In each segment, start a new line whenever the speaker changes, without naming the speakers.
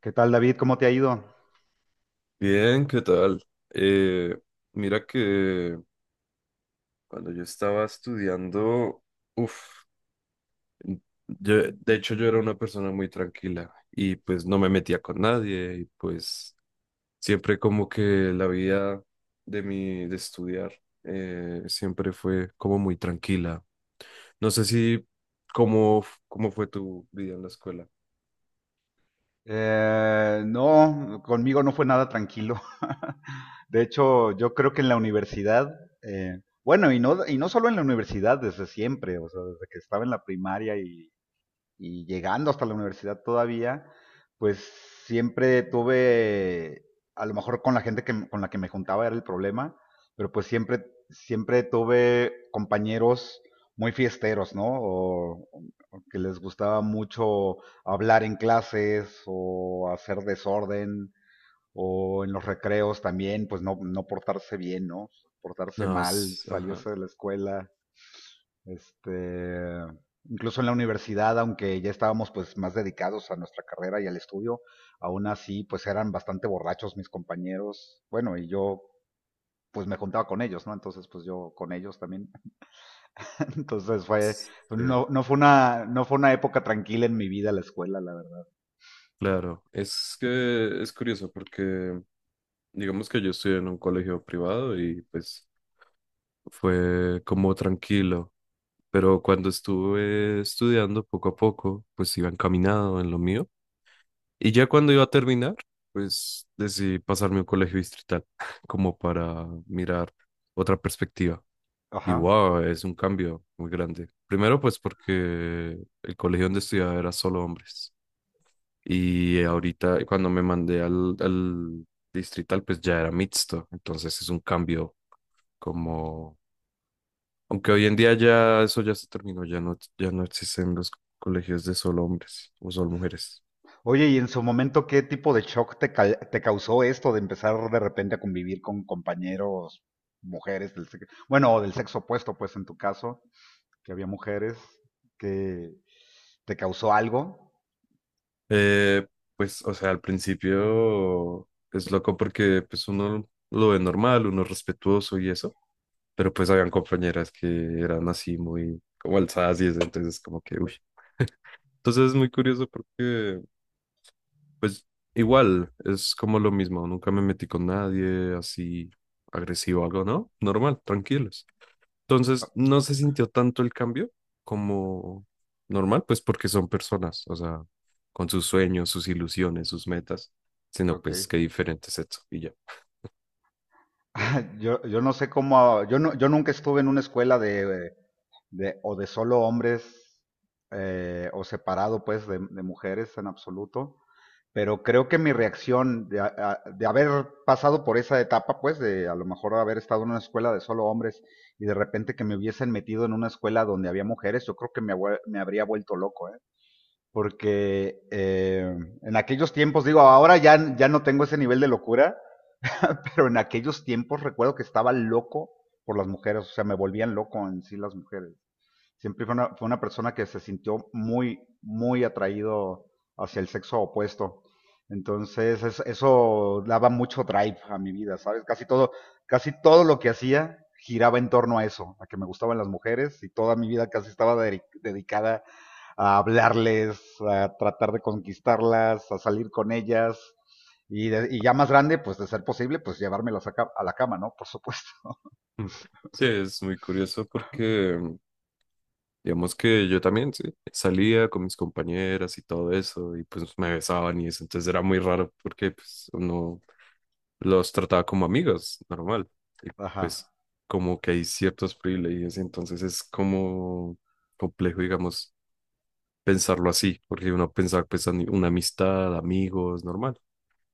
¿Qué tal, David? ¿Cómo te ha ido?
Bien, ¿qué tal? Eh, Mira que cuando yo estaba estudiando, uff, de hecho yo era una persona muy tranquila y pues no me metía con nadie, y pues siempre como que la vida de estudiar, siempre fue como muy tranquila. No sé si cómo, f- cómo fue tu vida en la escuela.
No, conmigo no fue nada tranquilo. De hecho, yo creo que en la universidad, bueno, y no solo en la universidad, desde siempre, o sea, desde que estaba en la primaria y llegando hasta la universidad todavía, pues siempre tuve, a lo mejor con la gente con la que me juntaba era el problema, pero pues siempre tuve compañeros muy fiesteros, ¿no? O que les gustaba mucho hablar en clases o hacer desorden o en los recreos también, pues no portarse bien, ¿no? Portarse
No,
mal,
ajá.
salirse de la escuela. Este, incluso en la universidad, aunque ya estábamos pues más dedicados a nuestra carrera y al estudio, aún así pues eran bastante borrachos mis compañeros, bueno, y yo pues me juntaba con ellos, ¿no? Entonces pues yo con ellos también. Entonces fue,
Sí,
no, no fue no fue una época tranquila en mi vida la escuela, la verdad.
claro. Es que es curioso porque digamos que yo estudié en un colegio privado y pues fue como tranquilo, pero cuando estuve estudiando poco a poco, pues iba encaminado en lo mío. Y ya cuando iba a terminar, pues decidí pasarme a un colegio distrital, como para mirar otra perspectiva. Y
Ajá.
wow, es un cambio muy grande. Primero pues porque el colegio donde estudiaba era solo hombres. Y ahorita cuando me mandé al distrital, pues ya era mixto. Entonces es un cambio como, aunque hoy en día ya eso ya se terminó, ya no existen los colegios de solo hombres o solo mujeres.
Oye, ¿y en su momento qué tipo de shock te causó esto de empezar de repente a convivir con compañeros, mujeres del sexo, bueno, o del sexo opuesto, pues en tu caso? Que había mujeres, que te causó algo.
Eh, pues, o sea, al principio es loco porque pues uno lo ve normal, uno es respetuoso y eso, pero pues habían compañeras que eran así muy como alzadas y eso, entonces como que, uy. Entonces es muy curioso porque, pues, igual, es como lo mismo, nunca me metí con nadie así agresivo o algo, ¿no? Normal, tranquilo. Entonces, no se sintió tanto el cambio como normal, pues porque son personas, o sea, con sus sueños, sus ilusiones, sus metas, sino
Ok.
pues que diferente es eso y ya.
Yo no sé cómo, yo nunca estuve en una escuela de o de solo hombres o separado pues de mujeres en absoluto, pero creo que mi reacción de haber pasado por esa etapa pues de a lo mejor haber estado en una escuela de solo hombres y de repente que me hubiesen metido en una escuela donde había mujeres, yo creo que me habría vuelto loco, ¿eh? Porque en aquellos tiempos, digo, ahora ya no tengo ese nivel de locura, pero en aquellos tiempos recuerdo que estaba loco por las mujeres, o sea, me volvían loco en sí las mujeres. Siempre fue fue una persona que se sintió muy atraído hacia el sexo opuesto. Entonces, eso daba mucho drive a mi vida, ¿sabes? Casi todo lo que hacía giraba en torno a eso, a que me gustaban las mujeres y toda mi vida casi estaba dedicada a hablarles, a tratar de conquistarlas, a salir con ellas y ya más grande, pues de ser posible, pues llevármelas a la cama, ¿no? Por supuesto.
Mm. Sí, es muy curioso porque digamos que yo también, sí, salía con mis compañeras y todo eso y pues me besaban y eso, entonces era muy raro porque pues uno los trataba como amigos, normal, y pues
Ajá.
como que hay ciertos privilegios, entonces es como complejo, digamos pensarlo así, porque uno pensaba pues una amistad, amigos, normal.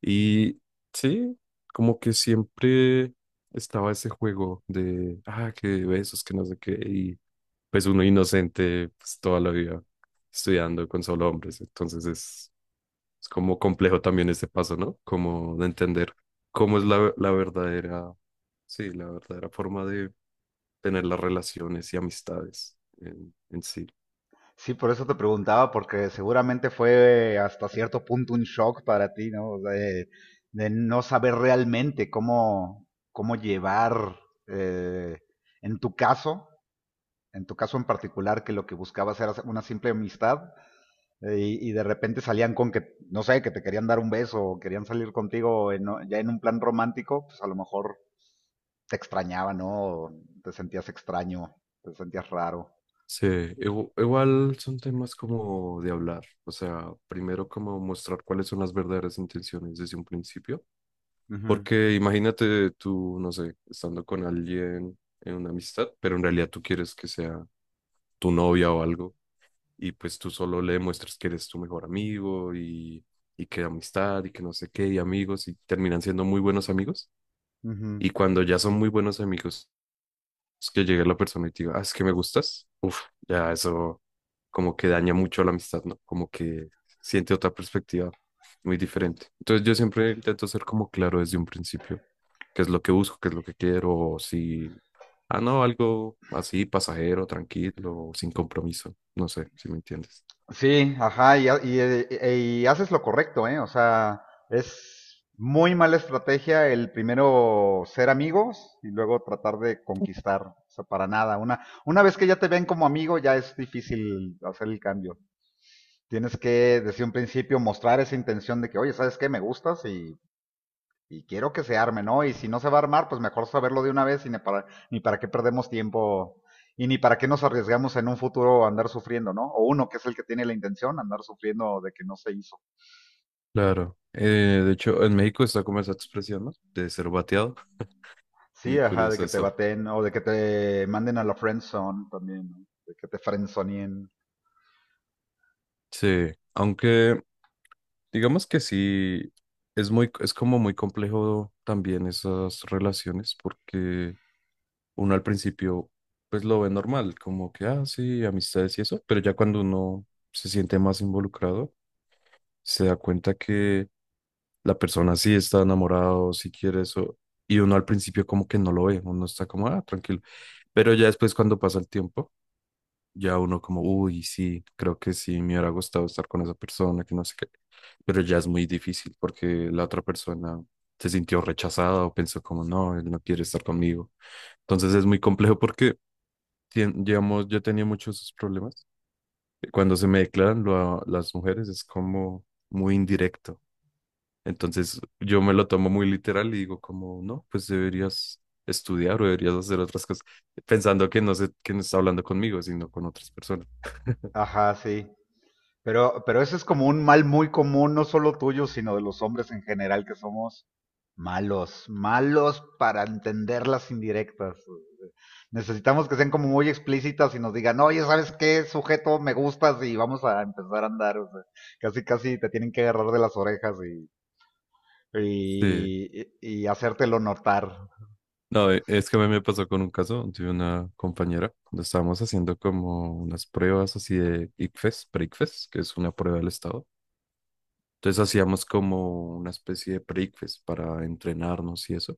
Y sí, como que siempre estaba ese juego de, ah, que besos, que no sé qué, y pues uno inocente pues, toda la vida estudiando con solo hombres, es como complejo también ese paso, ¿no? Como de entender cómo es la verdadera, sí, la verdadera forma de tener las relaciones y amistades en sí.
Sí, por eso te preguntaba, porque seguramente fue hasta cierto punto un shock para ti, ¿no? O sea, de no saber realmente cómo, cómo llevar, eh, en tu caso, en tu caso en particular, que lo que buscabas era una simple amistad, y de repente salían con que, no sé, que te querían dar un beso o querían salir contigo en ya en un plan romántico, pues a lo mejor te extrañaba, ¿no? O te sentías extraño, te sentías raro.
Sí, igual son temas como de hablar, o sea, primero como mostrar cuáles son las verdaderas intenciones desde un principio,
Ujú,
porque imagínate tú, no sé, estando con alguien en una amistad, pero en realidad tú quieres que sea tu novia o algo, y pues tú solo le demuestras que eres tu mejor amigo y que amistad y que no sé qué, y amigos, y terminan siendo muy buenos amigos,
ujú.
y cuando ya son muy buenos amigos, es que llegue la persona y te diga, ah, es que me gustas, uff, ya eso como que daña mucho la amistad, ¿no? Como que siente otra perspectiva muy diferente. Entonces yo siempre intento ser como claro desde un principio, qué es lo que busco, qué es lo que quiero, o si, ah, no, algo así, pasajero, tranquilo, sin compromiso, no sé si me entiendes.
Sí, ajá, y haces lo correcto, ¿eh? O sea, es muy mala estrategia el primero ser amigos y luego tratar de conquistar. O sea, para nada. Una vez que ya te ven como amigo, ya es difícil hacer el cambio. Tienes que, desde un principio, mostrar esa intención de que, oye, ¿sabes qué? Me gustas y quiero que se arme, ¿no? Y si no se va a armar, pues mejor saberlo de una vez y ni ni para qué perdemos tiempo y ni para qué nos arriesgamos en un futuro a andar sufriendo, ¿no? O uno que es el que tiene la intención, andar sufriendo de que no se hizo.
Claro. De hecho, en México está como esa expresión, ¿no? De ser bateado.
Sí,
Muy
ajá, de
curioso
que te
eso.
baten o de que te manden a la friendzone también, ¿no? De que te friendzoneen.
Sí, aunque digamos que sí, es como muy complejo también esas relaciones porque uno al principio pues lo ve normal, como que, ah, sí, amistades y eso, pero ya cuando uno se siente más involucrado, se da cuenta que la persona sí está enamorada o sí quiere eso, y uno al principio como que no lo ve, uno está como, ah, tranquilo, pero ya después cuando pasa el tiempo, ya uno como, uy, sí, creo que sí, me hubiera gustado estar con esa persona, que no sé qué, pero ya es muy difícil porque la otra persona se sintió rechazada o pensó como no, él no quiere estar conmigo. Entonces es muy complejo porque digamos, yo tenía muchos esos problemas. Cuando se me declaran las mujeres es como muy indirecto. Entonces yo me lo tomo muy literal y digo como, no, pues deberías estudiar o deberías hacer otras cosas, pensando que no sé quién está hablando conmigo, sino con otras personas.
Ajá, sí. Pero eso es como un mal muy común, no solo tuyo, sino de los hombres en general, que somos malos para entender las indirectas. Necesitamos que sean como muy explícitas y nos digan, oye, ¿sabes qué sujeto me gustas? Y vamos a empezar a andar. O sea, casi te tienen que agarrar de las orejas
Sí,
y hacértelo notar.
no, es que a mí me pasó con un caso de una compañera, cuando estábamos haciendo como unas pruebas así de ICFES, pre-ICFES, que es una prueba del estado. Entonces hacíamos como una especie de pre-quiz para entrenarnos y eso.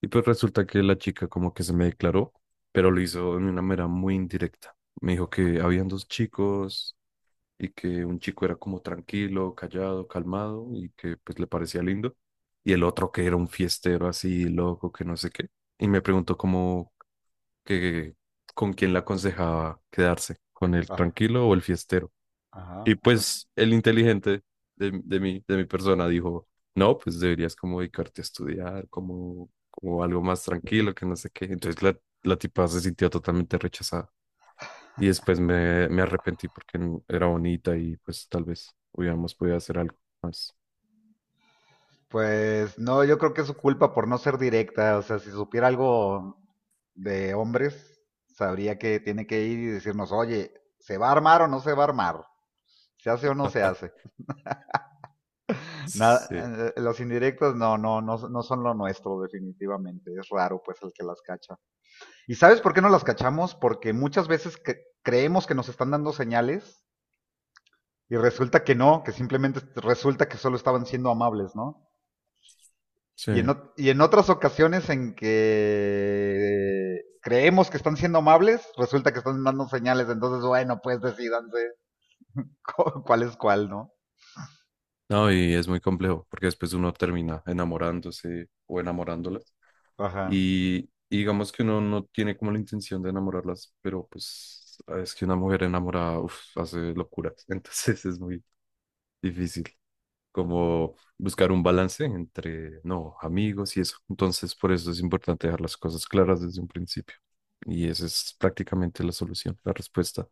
Y pues resulta que la chica como que se me declaró, pero lo hizo de una manera muy indirecta. Me dijo que habían dos chicos y que un chico era como tranquilo, callado, calmado y que pues le parecía lindo. Y el otro que era un fiestero así loco, que no sé qué. Y me preguntó como que con quién le aconsejaba quedarse, con el
Ah,
tranquilo o el fiestero.
ajá.
Y pues el inteligente de mi persona dijo, no, pues deberías como dedicarte a estudiar, como algo más tranquilo, que no sé qué. Entonces la tipa se sintió totalmente rechazada. Y después me arrepentí porque era bonita y pues tal vez hubiéramos podido hacer algo más.
Pues no, yo creo que es su culpa por no ser directa. O sea, si supiera algo de hombres, sabría que tiene que ir y decirnos, oye, ¿se va a armar o no se va a armar? ¿Se hace o no se hace?
Sí,
Nada, los indirectos no son lo nuestro, definitivamente. Es raro, pues, el que las cacha. ¿Y sabes por qué no las cachamos? Porque muchas veces creemos que nos están dando señales y resulta que no, que simplemente resulta que solo estaban siendo amables, ¿no? Y en,
sí.
y en otras ocasiones en que creemos que están siendo amables, resulta que están dando señales. Entonces, bueno, pues decidanse cuál es cuál, ¿no?
No, y es muy complejo porque después uno termina enamorándose o enamorándola.
Ajá.
Y digamos que uno no tiene como la intención de enamorarlas, pero pues ah, es que una mujer enamorada uf, hace locuras, entonces es muy difícil como buscar un balance entre, no, amigos y eso. Entonces por eso es importante dejar las cosas claras desde un principio. Y esa es prácticamente la solución, la respuesta.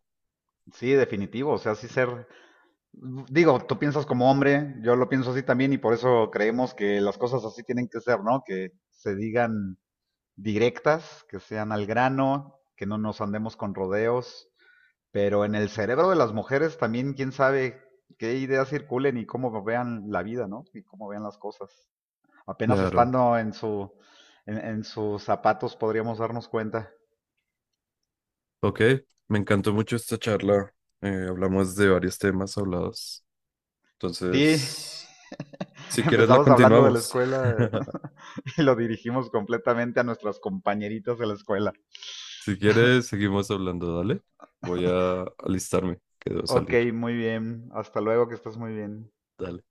Sí, definitivo. O sea, sí ser. Digo, tú piensas como hombre, yo lo pienso así también, y por eso creemos que las cosas así tienen que ser, ¿no? Que se digan directas, que sean al grano, que no nos andemos con rodeos. Pero en el cerebro de las mujeres también, quién sabe qué ideas circulen y cómo vean la vida, ¿no? Y cómo vean las cosas. Apenas
Claro.
estando en en sus zapatos podríamos darnos cuenta.
Ok, me encantó mucho esta charla. Hablamos de varios temas hablados.
Sí,
Entonces, si quieres, la
empezamos hablando de la
continuamos.
escuela y lo dirigimos completamente a nuestras compañeritas de la escuela.
Si quieres, seguimos hablando, dale. Voy a alistarme, que debo
Ok,
salir.
muy bien. Hasta luego, que estés muy bien.
Dale.